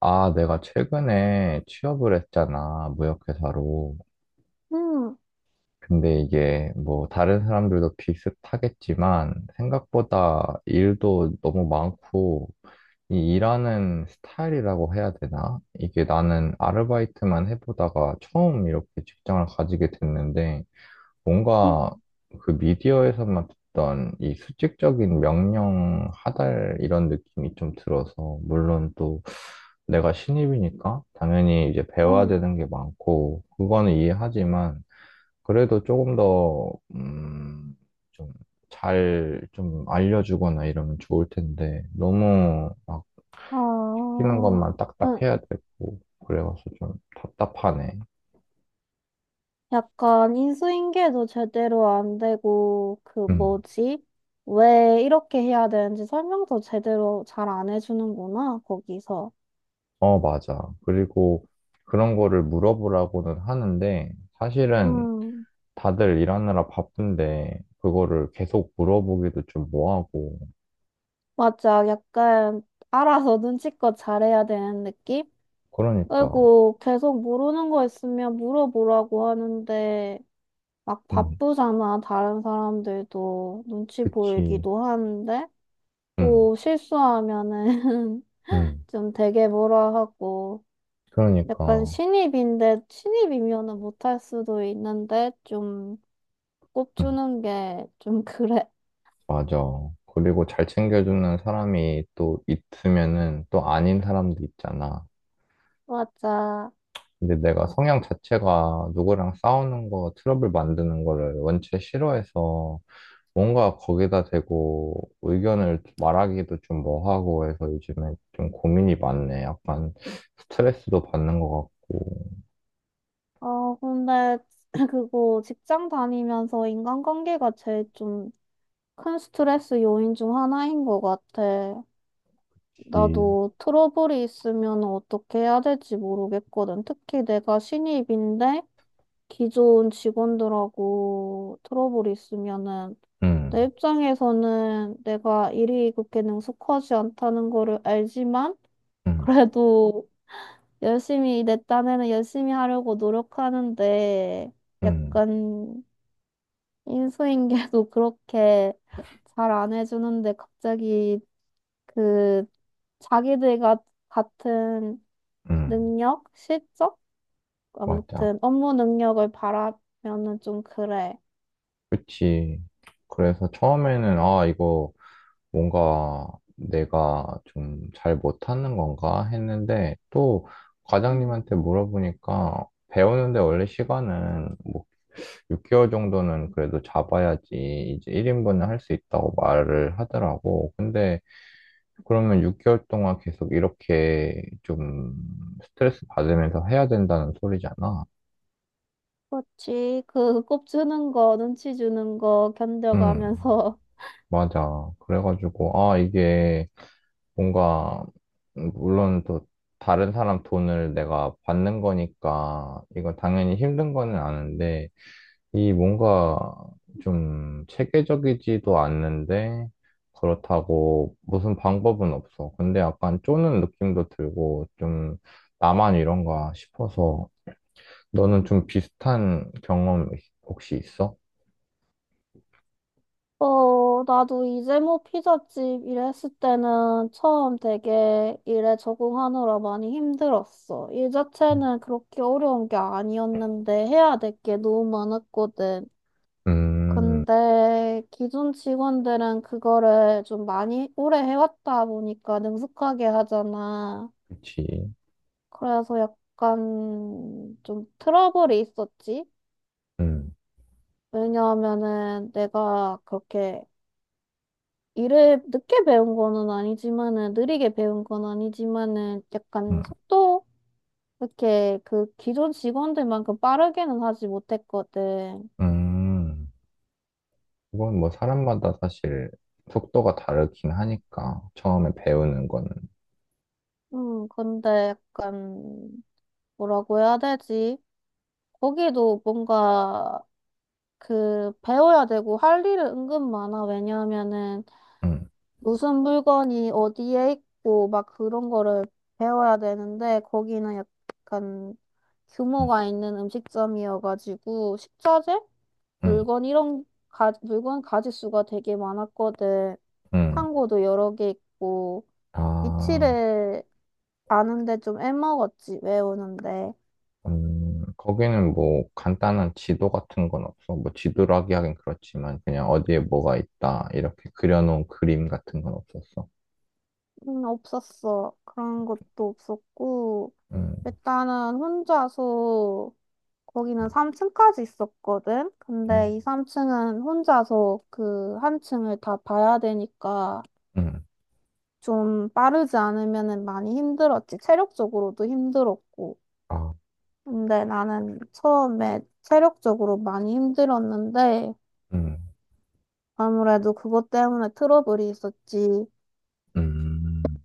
아, 내가 최근에 취업을 했잖아, 무역회사로. 음, 근데 이게 뭐 다른 사람들도 비슷하겠지만 생각보다 일도 너무 많고 이 일하는 스타일이라고 해야 되나? 이게 나는 아르바이트만 해보다가 처음 이렇게 직장을 가지게 됐는데 음, 뭔가 그 미디어에서만 듣던 이 수직적인 명령 하달 이런 느낌이 좀 들어서, 물론 또 내가 신입이니까 당연히 이제 배워야 음, 되는 게 많고, 그거는 이해하지만, 그래도 조금 더, 좀 잘 좀 알려주거나 이러면 좋을 텐데, 너무 막 아, 시키는 것만 딱딱 음, 해야 되고, 그래가지고 좀 답답하네. 약간 인수인계도 제대로 안 되고, 그 음. 뭐지? 왜 이렇게 해야 되는지 설명도 제대로 잘 안 해주는구나, 거기서. 어, 맞아. 그리고 그런 거를 물어보라고는 하는데, 사실은 음, 다들 일하느라 바쁜데, 그거를 계속 물어보기도 좀 뭐하고. 맞아. 약간 알아서 눈치껏 잘해야 되는 느낌? 그러니까, 그리고 계속 모르는 거 있으면 물어보라고 하는데, 막 음, 바쁘잖아, 다른 사람들도. 눈치 그치. 보이기도 하는데. 음, 또 실수하면은 음, 좀 되게 뭐라 하고, 약간 그러니까, 신입인데 신입이면은 못할 수도 있는데 좀 음, 꼽주는 게 좀 그래. 맞아. 그리고 잘 챙겨주는 사람이 또 있으면은 또 아닌 사람도 있잖아. 맞아. 근데 내가 성향 자체가 누구랑 싸우는 거, 트러블 만드는 거를 원체 싫어해서 뭔가 거기다 대고 의견을 말하기도 좀 뭐하고 해서 요즘에 좀 고민이 많네. 약간 스트레스도 받는 것 같고. 근데 그거 직장 다니면서 인간관계가 제일 좀 큰 스트레스 요인 중 하나인 것 같아. 이, 나도 트러블이 있으면 어떻게 해야 될지 모르겠거든. 특히 내가 신입인데 기존 직원들하고 트러블이 있으면은 내 음, 입장에서는 내가 일이 그렇게 능숙하지 않다는 거를 알지만, 음, 그래도 열심히, 내 딴에는 열심히 하려고 노력하는데, 음, 약간 인수인계도 그렇게 잘 안 해주는데 갑자기 그 자기들과 같은 음, 능력, 실적? 맞아. 아무튼 업무 능력을 바라면은 좀 그래. 그치. 그래서 처음에는, 아, 이거 뭔가 내가 좀 잘 못하는 건가 했는데 또 과장님한테 물어보니까 배우는데 원래 시간은 뭐 6개월 정도는 그래도 잡아야지 이제 1인분을 할 수 있다고 말을 하더라고. 근데 그러면 6개월 동안 계속 이렇게 좀 스트레스 받으면서 해야 된다는 소리잖아. 그렇지. 그, 꼽 주는 거, 눈치 주는 거 응. 견뎌가면서. 맞아. 그래가지고, 아, 이게 뭔가, 물론 또 다른 사람 돈을 내가 받는 거니까, 이거 당연히 힘든 거는 아는데, 이 뭔가 좀 체계적이지도 않는데, 그렇다고 무슨 방법은 없어. 근데 약간 쪼는 느낌도 들고, 좀 나만 이런가 싶어서, 너는 좀 비슷한 경험 혹시 있어? 나도 이제 뭐 피자집 일했을 때는 처음 되게 일에 적응하느라 많이 힘들었어. 일 자체는 그렇게 어려운 게 아니었는데 해야 될 게 너무 많았거든. 음, 근데 기존 직원들은 그거를 좀 많이 오래 해왔다 보니까 능숙하게 하잖아. 그치. 그래서 약간 좀 트러블이 있었지. 음, 왜냐하면은 내가 그렇게 일을 늦게 배운 거는 아니지만은, 느리게 배운 건 아니지만은 음. 약간 속도, 이렇게 그 기존 직원들만큼 빠르게는 하지 못했거든. 음. 그건 뭐 사람마다 사실 속도가 다르긴 하니까 처음에 배우는 거는 근데 약간 뭐라고 해야 되지? 거기도 뭔가 그 배워야 되고 할 일은 은근 많아. 왜냐하면은 음, 무슨 물건이 어디에 있고 막 그런 거를 배워야 되는데, 거기는 약간 음, 규모가 있는 음식점이어가지고 식자재? 음, 물건 이런 가, 물건 가짓수가 되게 많았거든. 음. 창고도 여러 개 있고 아, 위치를 아는데 좀 애먹었지, 외우는데. 거기는 뭐 간단한 지도 같은 건 없어. 뭐 지도라기 하긴 그렇지만 그냥 어디에 뭐가 있다 이렇게 그려놓은 그림 같은 건 없었어. 없었어. 그런 것도 없었고 음, 일단은 혼자서, 거기는 3층까지 있었거든. 음, 근데 이 3층은 혼자서 그 한 층을 다 봐야 되니까 음, 좀 빠르지 않으면은 많이 힘들었지. 체력적으로도 힘들었고. 아, 근데 나는 처음에 체력적으로 많이 힘들었는데 음, 아무래도 그것 때문에 트러블이 있었지. 음.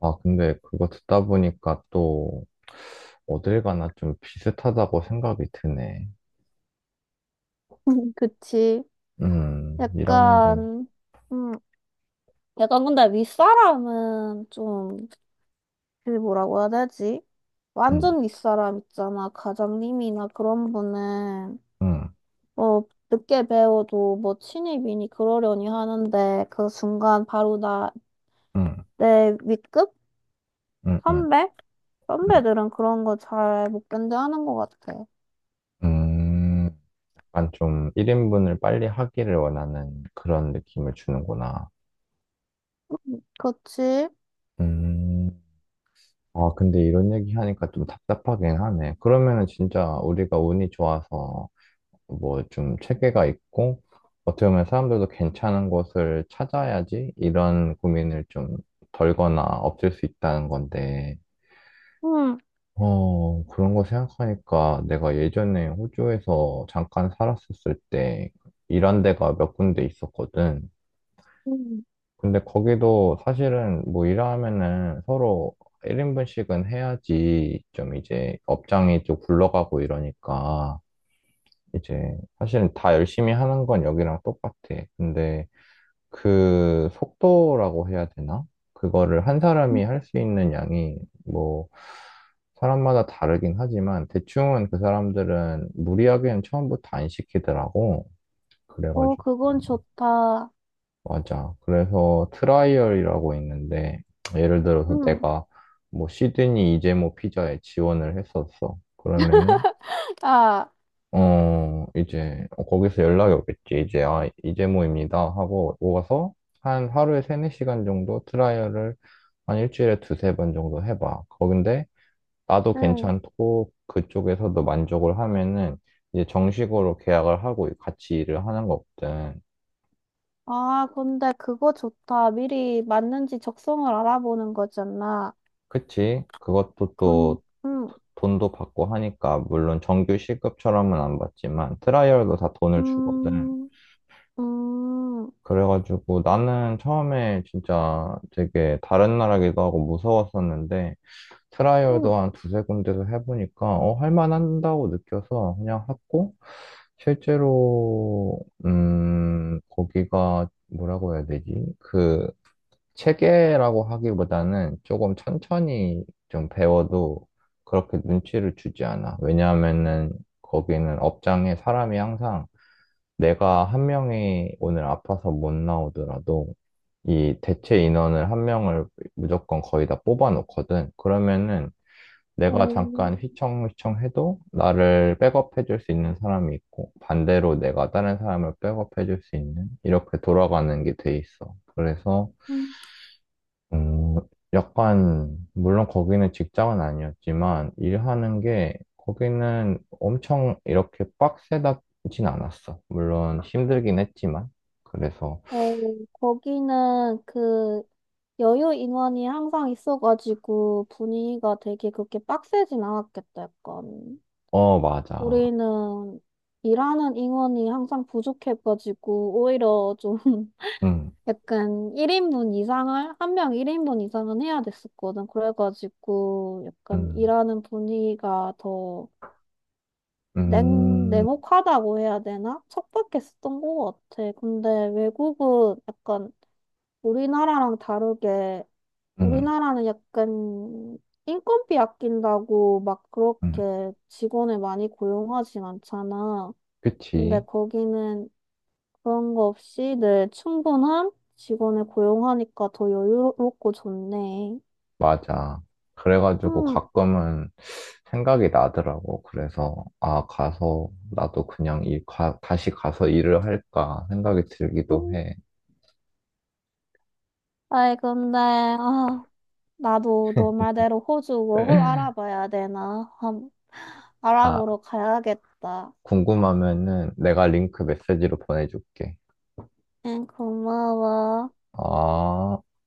아, 근데 그거 듣다 보니까 또 어딜 가나 좀 비슷하다고 생각이 드네. 그치. 일하는 건. 약간, 음, 약간 근데 윗사람은 좀, 그 뭐라고 해야 되지? 응 완전 윗사람 있잖아. 과장님이나 그런 분은 응, 어 늦게 배워도 뭐 신입이니 그러려니 하는데, 그 순간 바로 나 응, 내 윗급 응, 응, 선배 응. 선배들은 그런 거 잘 못 견뎌하는 것 같아. 음, 약간 좀 1인분을 빨리 하기를 원하는 그런 느낌을 주는구나. 그렇지? 음, 아, 근데 이런 얘기 하니까 좀 답답하긴 하네. 그러면은 진짜 우리가 운이 좋아서 뭐 좀 체계가 있고, 어떻게 보면 사람들도 괜찮은 곳을 찾아야지 이런 고민을 좀 덜거나 없앨 수 있다는 건데, 응. 어, 그런 거 생각하니까 내가 예전에 호주에서 잠깐 살았었을 때 일한 데가 몇 군데 있었거든. 응. 근데 거기도 사실은 뭐 일하면은 서로 1인분씩은 해야지 좀 이제 업장이 좀 굴러가고 이러니까 이제 사실은 다 열심히 하는 건 여기랑 똑같아. 근데 그 속도라고 해야 되나? 그거를 한 사람이 할 수 있는 양이 뭐 사람마다 다르긴 하지만 대충은 그 사람들은 무리하게는 처음부터 안 시키더라고. 어, 그래가지고 그건 좋다. 맞아. 그래서 트라이얼이라고 있는데 예를 들어서 응. 내가 뭐 시드니 이재모 피자에 지원을 했었어. 그러면은 아. 어, 이제, 거기서 연락이 오겠지. 이제, 아, 이재모입니다. 하고 오가서 한 하루에 세네 시간 정도 트라이얼을 한 일주일에 두세 번 정도 해봐. 거긴데, 나도 응. 괜찮고, 그쪽에서도 만족을 하면은, 이제 정식으로 계약을 하고 같이 일을 하는 거거든. 아, 근데 그거 좋다. 미리 맞는지 적성을 알아보는 거잖아. 그치? 그것도 군, 또, 응. 돈도 받고 하니까, 물론 정규 시급처럼은 안 받지만, 트라이얼도 다 돈을 주거든. 음, 음, 그래가지고 나는 처음에 진짜 되게 다른 나라기도 하고 무서웠었는데 음, 트라이얼도 한 두세 군데서 해보니까 할만한다고 느껴서 그냥 했고 실제로 거기가 뭐라고 해야 되지? 그 체계라고 하기보다는 조금 천천히 좀 배워도 그렇게 눈치를 주지 않아. 왜냐하면은 거기는 업장에 사람이 항상 내가 한 명이 오늘 아파서 못 나오더라도 이 대체 인원을 한 명을 무조건 거의 다 뽑아 놓거든. 그러면은 내가 어, 잠깐 휘청휘청 해도 나를 백업해 줄 수 있는 사람이 있고 반대로 내가 다른 사람을 백업해 줄 수 있는 이렇게 돌아가는 게 돼 있어. 그래서 음, 음, 약간, 물론 거기는 직장은 아니었지만, 일하는 게, 거기는 엄청 이렇게 빡세다진 않았어. 물론 힘들긴 했지만. 그래서, 어, 거기는 그 여유 인원이 항상 있어가지고 분위기가 되게 그렇게 빡세진 않았겠다, 약간. 어, 맞아. 우리는 일하는 인원이 항상 부족해가지고 오히려 좀 응, 약간 1인분 이상을, 한 명 1인분 이상은 해야 됐었거든. 그래가지고 약간 응, 일하는 분위기가 더 응, 냉혹하다고 해야 되나? 척박했었던 것 같아. 근데 외국은 약간, 우리나라랑 다르게, 응, 우리나라는 약간 인건비 아낀다고 막 응. 그렇게 직원을 많이 고용하진 않잖아. 근데 그치. 거기는 그런 거 없이 늘 충분한 직원을 고용하니까 더 여유롭고 좋네. 맞아. 그래가지고 음. 가끔은 생각이 나더라고. 그래서, 아, 가서, 나도 그냥 다시 가서 일을 할까 생각이 들기도 음. 해. 아이, 근데, 아. 나도 너 말대로 호주 고 홀 알아봐야 되나? 알아보러 아, 가야겠다. 궁금하면은 내가 링크 메시지로 보내줄게. 응, 고마워. 아.